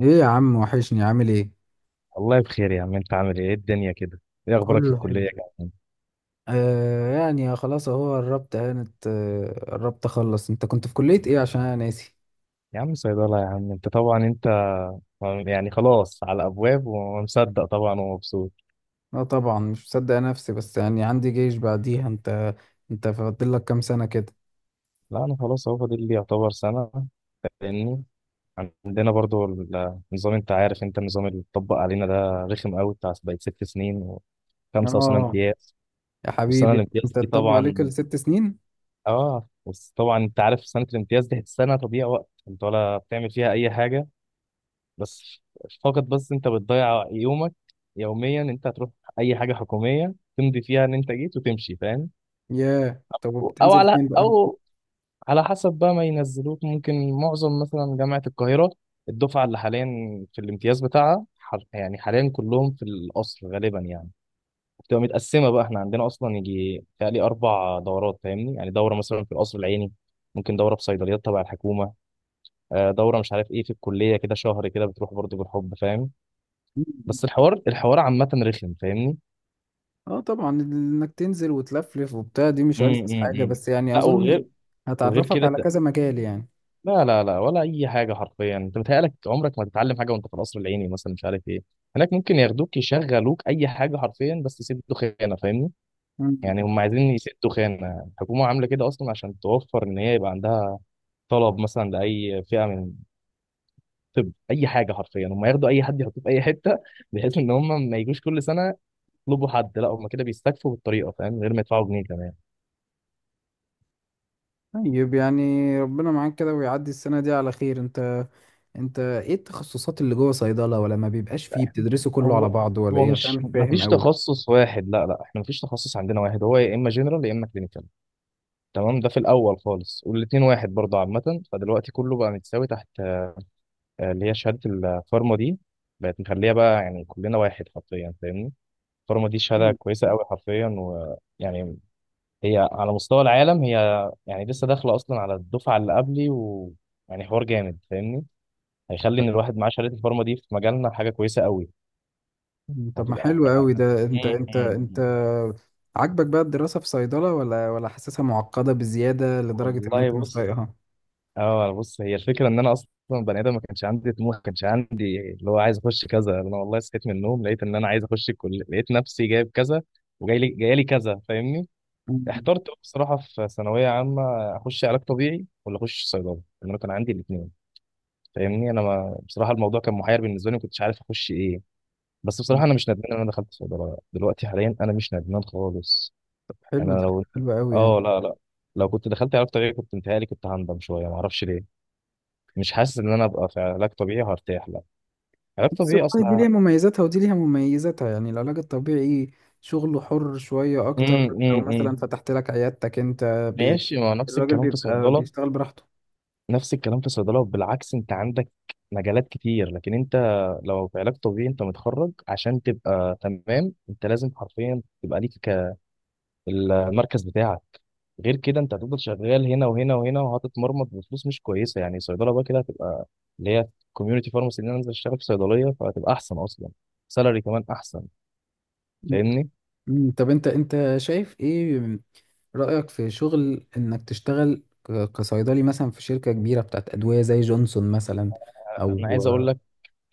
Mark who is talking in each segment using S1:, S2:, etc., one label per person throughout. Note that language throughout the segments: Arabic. S1: ايه يا عم، وحشني. عامل ايه؟
S2: والله بخير يا عم، انت عامل ايه؟ ايه الدنيا كده؟ ايه اخبارك في
S1: كله
S2: الكليه
S1: حلو.
S2: يا عم؟
S1: آه يعني خلاص اهو قربت هانت، قربت اخلص. انت كنت في كلية ايه؟ عشان انا ناسي.
S2: يا عم صيدله يا عم، انت طبعا انت يعني خلاص على ابواب ومصدق طبعا ومبسوط.
S1: لا طبعا، مش مصدق نفسي، بس يعني عندي جيش بعديها. انت فاضل لك كام سنة كده؟
S2: لا انا خلاص هو فاضل لي يعتبر سنه، لاني عندنا برضو النظام، انت عارف النظام اللي اتطبق علينا ده رخم قوي، بتاع بقت ست سنين وخمسه وسنه
S1: اه
S2: امتياز.
S1: يا
S2: والسنه
S1: حبيبي،
S2: الامتياز
S1: انت
S2: دي
S1: اتطبق عليك
S2: طبعا،
S1: الست سنين.
S2: اه بس طبعا انت عارف سنه الامتياز دي سنه تضييع وقت، انت ولا بتعمل فيها اي حاجه. بس فقط انت بتضيع يومك، يوميا انت هتروح اي حاجه حكوميه تمضي فيها ان انت جيت وتمشي، فاهم؟
S1: ياه، طب
S2: او
S1: وبتنزل
S2: على
S1: فين بقى؟
S2: او على حسب بقى ما ينزلوك، ممكن معظم مثلا جامعه القاهره، الدفعه اللي حاليا في الامتياز بتاعها يعني حاليا كلهم في القصر غالبا يعني. بتبقى متقسمه بقى، احنا عندنا اصلا يجي تقريبا اربع دورات فاهمني، يعني دوره مثلا في القصر العيني، ممكن دوره في صيدليات تبع الحكومه، دوره مش عارف ايه في الكليه كده شهر كده بتروح برضه بالحب، فاهم؟ بس الحوار، الحوار عامة رخم فاهمني.
S1: اه طبعا، انك تنزل وتلفلف وبتاع دي مش ألذ
S2: امم
S1: حاجة،
S2: امم
S1: بس يعني
S2: لا
S1: اظن
S2: وغير، وغير
S1: هتعرفك
S2: كده
S1: على
S2: ت-
S1: كذا مجال يعني.
S2: لا لا لا، ولا اي حاجه حرفيا، انت متهيألك عمرك ما تتعلم حاجه وانت في القصر العيني مثلا مش عارف ايه. هناك ممكن ياخدوك يشغلوك اي حاجه حرفيا، بس يسدوا خانه فاهمني.
S1: مم.
S2: يعني هم عايزين يسدوا خانه، الحكومه عامله كده اصلا عشان توفر ان هي يبقى عندها طلب مثلا لاي فئه من الطب، اي حاجه حرفيا هم ياخدوا اي حد يحطوه في اي حته، بحيث ان هم ما يجوش كل سنه يطلبوا حد. لا هم كده بيستكفوا بالطريقه فاهم، من غير ما يدفعوا جنيه كمان.
S1: طيب يعني ربنا معاك كده ويعدي السنة دي على خير. انت ايه التخصصات اللي جوه صيدلة، ولا ما بيبقاش فيه؟ بتدرسوا كله على
S2: هو
S1: بعضه ولا
S2: هو
S1: ايه؟ عشان أنا
S2: مش
S1: مش فاهم
S2: مفيش
S1: قوي.
S2: تخصص واحد، لا لا احنا مفيش تخصص عندنا واحد، هو يا اما جنرال يا اما كلينيكال تمام، ده في الاول خالص. والاتنين واحد برضه عامه، فدلوقتي كله بقى متساوي تحت، اللي هي شهاده الفارما دي بقت مخليها بقى يعني كلنا واحد حرفيا فاهمني. الفارما دي شهاده
S1: مم.
S2: كويسه قوي حرفيا، ويعني هي على مستوى العالم، هي يعني لسه داخله اصلا على الدفعه اللي قبلي، ويعني حوار جامد فاهمني. هيخلي ان الواحد معاه شهاده الفارما دي في مجالنا حاجه كويسه قوي،
S1: طب ما
S2: وهتبقى
S1: حلو
S2: يعني.
S1: قوي ده. انت انت
S2: آه،
S1: انت
S2: مم.
S1: عاجبك بقى الدراسة في صيدلة، ولا حاسسها معقدة بزيادة لدرجة ان انت
S2: والله
S1: مش
S2: بص،
S1: طايقها؟
S2: اه بص هي الفكره ان انا اصلا بني ادم ما كانش عندي طموح، ما كانش عندي اللي هو عايز اخش كذا. انا والله صحيت من النوم لقيت ان انا عايز اخش الكليه، لقيت نفسي جايب كذا وجاي لي جاي لي كذا فاهمني.
S1: مم.
S2: احترت بصراحه في ثانويه عامه، اخش علاج طبيعي ولا اخش صيدله، لان انا كان عندي الاثنين فاهمني. انا ما بصراحه الموضوع كان محير بالنسبه لي، ما كنتش عارف اخش ايه. بس بصراحه انا مش ندمان ان انا دخلت صيدله، دلوقتي حاليا انا مش ندمان خالص.
S1: طب
S2: انا
S1: حلو ده،
S2: لو
S1: حلو قوي يعني.
S2: اه لا لا، لو كنت دخلت علاج طبيعي كنت انتهالي، كنت هندم شويه، ما اعرفش ليه. مش حاسس ان انا ابقى في علاج طبيعي هرتاح، لا علاج
S1: بس
S2: طبيعي
S1: والله دي
S2: اصلا.
S1: ليها مميزاتها ودي ليها مميزاتها، يعني العلاج الطبيعي شغله حر شوية
S2: امم
S1: أكتر لو مثلا
S2: امم
S1: فتحت لك عيادتك أنت. ب...
S2: ماشي، ما هو نفس
S1: الراجل
S2: الكلام في
S1: بيبقى
S2: صيدله،
S1: بيشتغل براحته.
S2: نفس الكلام في صيدله بالعكس. انت عندك مجالات كتير، لكن انت لو في علاج طبيعي، انت متخرج عشان تبقى تمام انت لازم حرفيا تبقى ليك المركز بتاعك، غير كده انت هتفضل شغال هنا وهنا وهنا، وهتتمرمط بفلوس مش كويسه. يعني صيدله بقى كده هتبقى اللي هي كوميونتي فارماسي، ان انا انزل اشتغل في صيدليه فهتبقى احسن اصلا، سالري كمان احسن
S1: مم.
S2: فاهمني.
S1: مم. طب أنت شايف إيه رأيك في شغل إنك تشتغل كصيدلي مثلا في شركة كبيرة بتاعت أدوية زي جونسون مثلا،
S2: انا عايز اقول
S1: أو
S2: لك،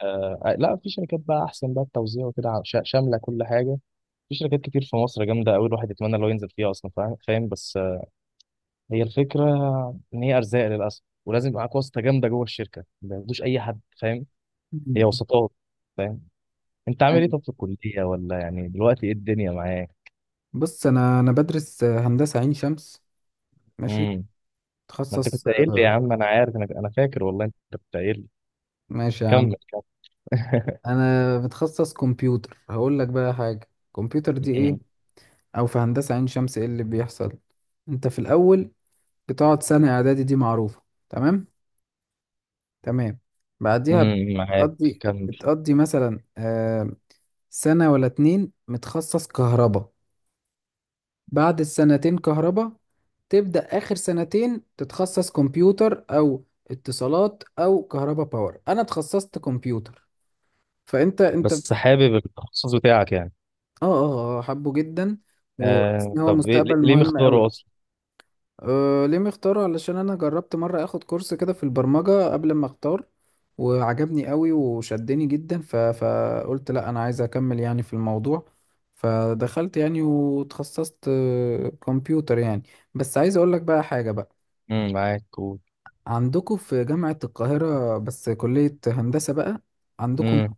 S2: آه لا في شركات بقى احسن بقى التوزيع وكده، شامله كل حاجه. في شركات كتير في مصر جامده قوي الواحد يتمنى لو ينزل فيها اصلا، فاهم فاهم، بس هي الفكره ان هي ارزاق للاسف، ولازم يبقى معاك واسطه جامده جوه الشركه، ما ياخدوش اي حد فاهم، هي
S1: مم.
S2: وسطات فاهم. انت عامل ايه
S1: أيوة.
S2: طب في الكليه، ولا يعني دلوقتي ايه الدنيا معاك؟
S1: بص، أنا بدرس هندسة عين شمس. ماشي.
S2: امم ما انت
S1: تخصص.
S2: كنت قايل لي يا عم، انا عارف، انا فاكر والله انت كنت قايل لي.
S1: ماشي يا عم.
S2: كمل كمل.
S1: انا بتخصص كمبيوتر، هقول لك بقى حاجه. كمبيوتر دي ايه،
S2: مم.
S1: او في هندسه عين شمس ايه اللي بيحصل؟ انت في الاول بتقعد سنه اعدادي دي معروفه. تمام، تمام. بعديها
S2: معاك،
S1: بتقضي
S2: كمل.
S1: بتقضي مثلا سنه ولا اتنين متخصص كهرباء. بعد السنتين كهرباء تبدا اخر سنتين تتخصص كمبيوتر او اتصالات او كهرباء باور. انا اتخصصت كمبيوتر. فانت
S2: بس حابب التخصص بتاعك يعني؟
S1: اه، اه، حبه جدا، وحاسس
S2: آه
S1: ان هو
S2: طب
S1: مستقبل
S2: ليه
S1: مهم قوي.
S2: مختاره اصلا؟
S1: أه، ليه مختاره؟ علشان انا جربت مره اخد كورس كده في البرمجه قبل ما اختار، وعجبني قوي وشدني جدا. فقلت لا، انا عايز اكمل يعني في الموضوع. فدخلت يعني وتخصصت كمبيوتر يعني. بس عايز اقول لك بقى حاجه. بقى
S2: معاك، قول.
S1: عندكم في جامعه القاهره بس كليه هندسه بقى، عندكم
S2: امم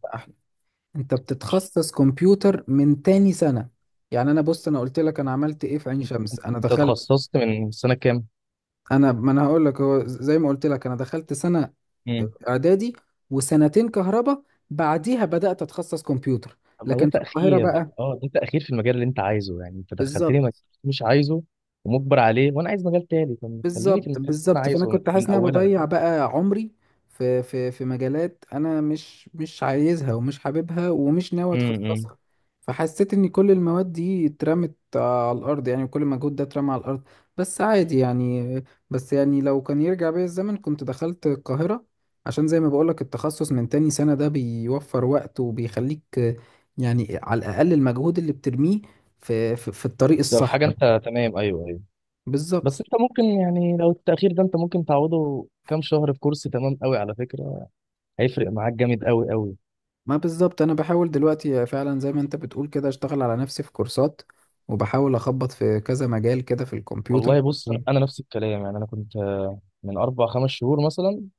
S1: انت بتتخصص كمبيوتر من تاني سنة. يعني انا، بص انا قلت لك انا عملت ايه في عين شمس.
S2: انت
S1: انا دخلت.
S2: اتخصصت من سنة كام؟
S1: ما انا هقول لك. هو زي ما قلت لك انا دخلت سنة
S2: امم
S1: اعدادي، وسنتين كهرباء، بعديها بدأت اتخصص كمبيوتر.
S2: طب ما ده
S1: لكن في القاهرة
S2: تأخير،
S1: بقى،
S2: اه ده تأخير في المجال اللي انت عايزه. يعني انت دخلتني مجال
S1: بالظبط،
S2: مش عايزه ومجبر عليه، وانا عايز مجال تاني. طب خليني في
S1: بالظبط،
S2: المجال اللي انا
S1: بالظبط، فانا
S2: عايزه من
S1: كنت حاسس ان انا
S2: اولها.
S1: بضيع بقى عمري في مجالات انا مش عايزها، ومش حاببها، ومش ناوي
S2: امم
S1: اتخصصها. فحسيت ان كل المواد دي اترمت على الارض يعني، وكل المجهود ده اترمى على الارض. بس عادي يعني. بس يعني لو كان يرجع بيا الزمن كنت دخلت القاهرة، عشان زي ما بقولك التخصص من تاني سنة ده بيوفر وقت، وبيخليك يعني على الاقل المجهود اللي بترميه في الطريق
S2: ده في
S1: الصح.
S2: حاجة، انت تمام، ايوه ايوه.
S1: بالظبط.
S2: بس انت ممكن يعني لو التأخير ده انت ممكن تعوضه كام شهر في كورس، تمام قوي على فكرة، هيفرق معاك جامد قوي قوي.
S1: ما بالظبط، انا بحاول دلوقتي فعلا زي ما انت بتقول كده اشتغل على نفسي في كورسات، وبحاول اخبط في كذا مجال كده في الكمبيوتر.
S2: والله بص، انا نفس الكلام يعني. انا كنت من اربع خمس شهور مثلا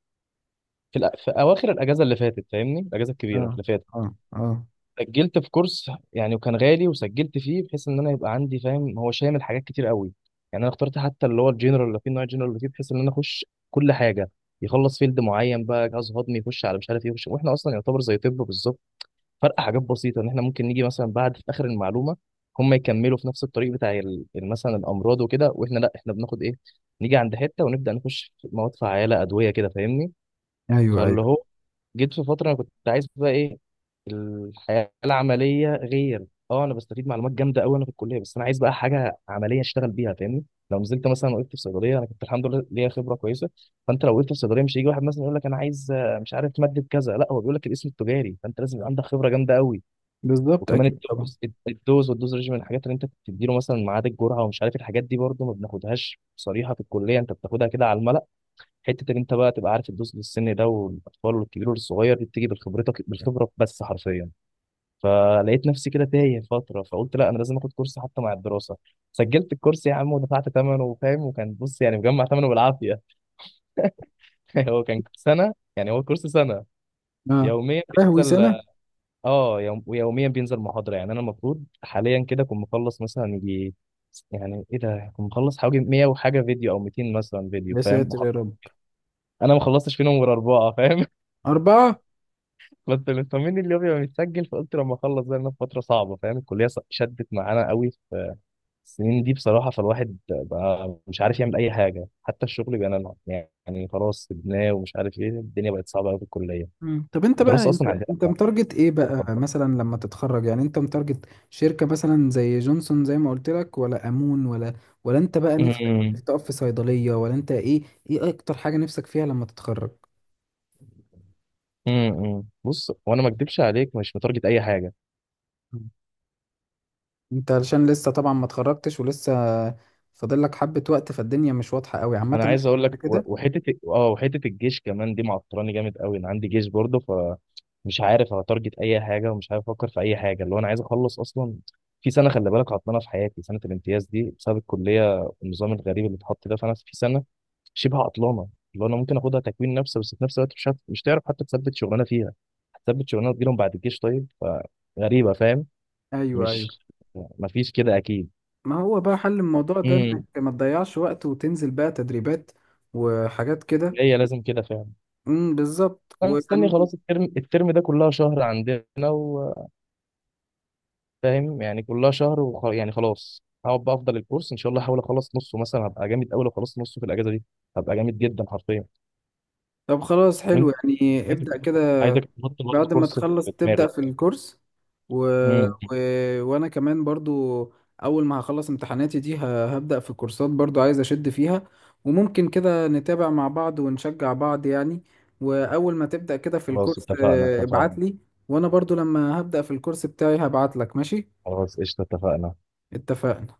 S2: في اواخر الاجازه اللي فاتت فاهمني، الاجازه الكبيره
S1: اه،
S2: اللي فاتت
S1: اه، اه.
S2: سجلت في كورس يعني، وكان غالي وسجلت فيه بحيث ان انا يبقى عندي فاهم، هو شامل حاجات كتير قوي. يعني انا اخترت حتى اللي هو الجنرال اللي فيه، نوع الجنرال اللي فيه بحيث ان انا اخش كل حاجه، يخلص فيلد معين بقى جهاز هضمي، يخش على مش عارف ايه، يخش. واحنا اصلا يعتبر زي طب بالظبط، فرق حاجات بسيطه ان احنا ممكن نيجي مثلا بعد في اخر المعلومه، هم يكملوا في نفس الطريق بتاع مثلا الامراض وكده، واحنا لا احنا بناخد ايه، نيجي عند حته ونبدا نخش في مواد فعاله ادويه كده فاهمني.
S1: ايوه،
S2: فاللي
S1: ايوه.
S2: هو جيت في فترة كنت عايز بقى ايه، الحياة العملية غير. اه انا بستفيد معلومات جامدة قوي انا في الكلية، بس انا عايز بقى حاجة عملية اشتغل بيها فاهمني. لو نزلت مثلا وقفت في صيدلية، انا كنت الحمد لله ليا خبرة كويسة. فانت لو وقفت في صيدلية، مش هيجي واحد مثلا يقول لك انا عايز مش عارف مادة كذا، لا هو بيقول لك الاسم التجاري، فانت لازم يبقى عندك خبرة جامدة قوي.
S1: بالظبط،
S2: وكمان
S1: اكيد طبعا.
S2: الدوز، الدوز ريجيم، الحاجات اللي انت بتديله مثلا ميعاد الجرعة ومش عارف، الحاجات دي برضه ما بناخدهاش صريحة في الكلية، انت بتاخدها كده على الملأ. حته ان انت بقى تبقى عارف تدوس للسن ده والاطفال والكبير والصغير، دي بتيجي بالخبره بس حرفيا. فلقيت نفسي كده تايه فتره، فقلت لا انا لازم اخد كورس حتى مع الدراسه. سجلت الكورس يا عم ودفعت ثمنه فاهم، وكان بص يعني مجمع ثمنه بالعافيه. هو كان سنه، يعني هو كورس سنه،
S1: اه.
S2: يوميا
S1: يا لهوي،
S2: بينزل.
S1: سنه!
S2: اه ويوميا بينزل محاضره. يعني انا المفروض حاليا كده اكون مخلص مثلا يجي، يعني ايه ده، كنت مخلص حوالي 100 وحاجه فيديو او 200 مثلا فيديو
S1: يا
S2: فاهم
S1: ساتر يا رب.
S2: انا ما خلصتش فيهم غير اربعه فاهم.
S1: اربعه.
S2: كنت مطمني اللي هو بيبقى متسجل، فقلت لما اخلص ده، لأن في فتره صعبه فاهم، الكليه شدت معانا قوي في السنين دي بصراحه. فالواحد بقى مش عارف يعمل اي حاجه، حتى الشغل بقى أنا يعني خلاص سيبناه ومش عارف ايه، الدنيا بقت صعبه قوي في الكليه.
S1: مم. طب انت بقى،
S2: الدراسه
S1: انت
S2: اصلا عندنا
S1: انت متارجت ايه
S2: أوفر.
S1: بقى مثلا لما تتخرج؟ يعني انت متارجت شركه مثلا زي جونسون زي ما قلت لك، ولا امون، ولا انت بقى نفسك
S2: امم
S1: تقف في صيدليه، ولا انت ايه؟ ايه اكتر حاجه نفسك فيها لما تتخرج؟
S2: بص، وانا ما اكدبش عليك مش متارجت اي حاجه.
S1: انت علشان لسه طبعا ما اتخرجتش ولسه فاضل لك حبة وقت، فالدنيا مش واضحة قوي
S2: انا
S1: عامة
S2: عايز اقول لك
S1: كده.
S2: وحته، اه وحته الجيش كمان دي معطلاني جامد قوي. انا عندي جيش برضه، فمش عارف اتارجت اي حاجه ومش عارف افكر في اي حاجه، اللي هو انا عايز اخلص اصلا. في سنه خلي بالك عطلانه في حياتي، سنه الامتياز دي بسبب الكليه والنظام الغريب اللي اتحط ده، فانا في سنه شبه عطلانه اللي هو انا ممكن اخدها تكوين نفسي، بس في نفس الوقت مش تعرف حتى تثبت شغلانه فيها، هتثبت شغلانه تجيلهم بعد الجيش طيب، فغريبه فاهم.
S1: ايوه،
S2: مش
S1: ايوه.
S2: مفيش كده اكيد.
S1: ما هو بقى حل الموضوع ده
S2: امم
S1: انك ما تضيعش وقت، وتنزل بقى تدريبات وحاجات كده.
S2: هي لازم كده فعلا.
S1: بالظبط
S2: انا
S1: ويعني.
S2: مستني خلاص الترم، الترم ده كلها شهر عندنا وفاهم، يعني كلها شهر يعني خلاص. هقعد بقى افضل الكورس ان شاء الله، احاول اخلص نصه مثلا هبقى جامد قوي. لو خلصت نصه في الاجازه دي، هبقى جامد جدا حرفيا.
S1: طب خلاص، حلو
S2: وانت
S1: يعني.
S2: عايزك
S1: ابدأ
S2: تحط-
S1: كده
S2: عايزك تحط برضه
S1: بعد ما
S2: كورس في
S1: تخلص، تبدأ
S2: دماغك.
S1: في الكورس. و...
S2: امم
S1: و... وانا كمان برضو، اول ما هخلص امتحاناتي دي هبدأ في كورسات برضو، عايز اشد فيها. وممكن كده نتابع مع بعض ونشجع بعض يعني. واول ما تبدأ كده في
S2: خلاص
S1: الكورس
S2: اتفقنا،
S1: ابعت
S2: اتفقنا.
S1: لي. وانا برضو لما هبدأ في الكورس بتاعي هبعت لك. ماشي.
S2: خلاص قشطه، اتفقنا.
S1: اتفقنا.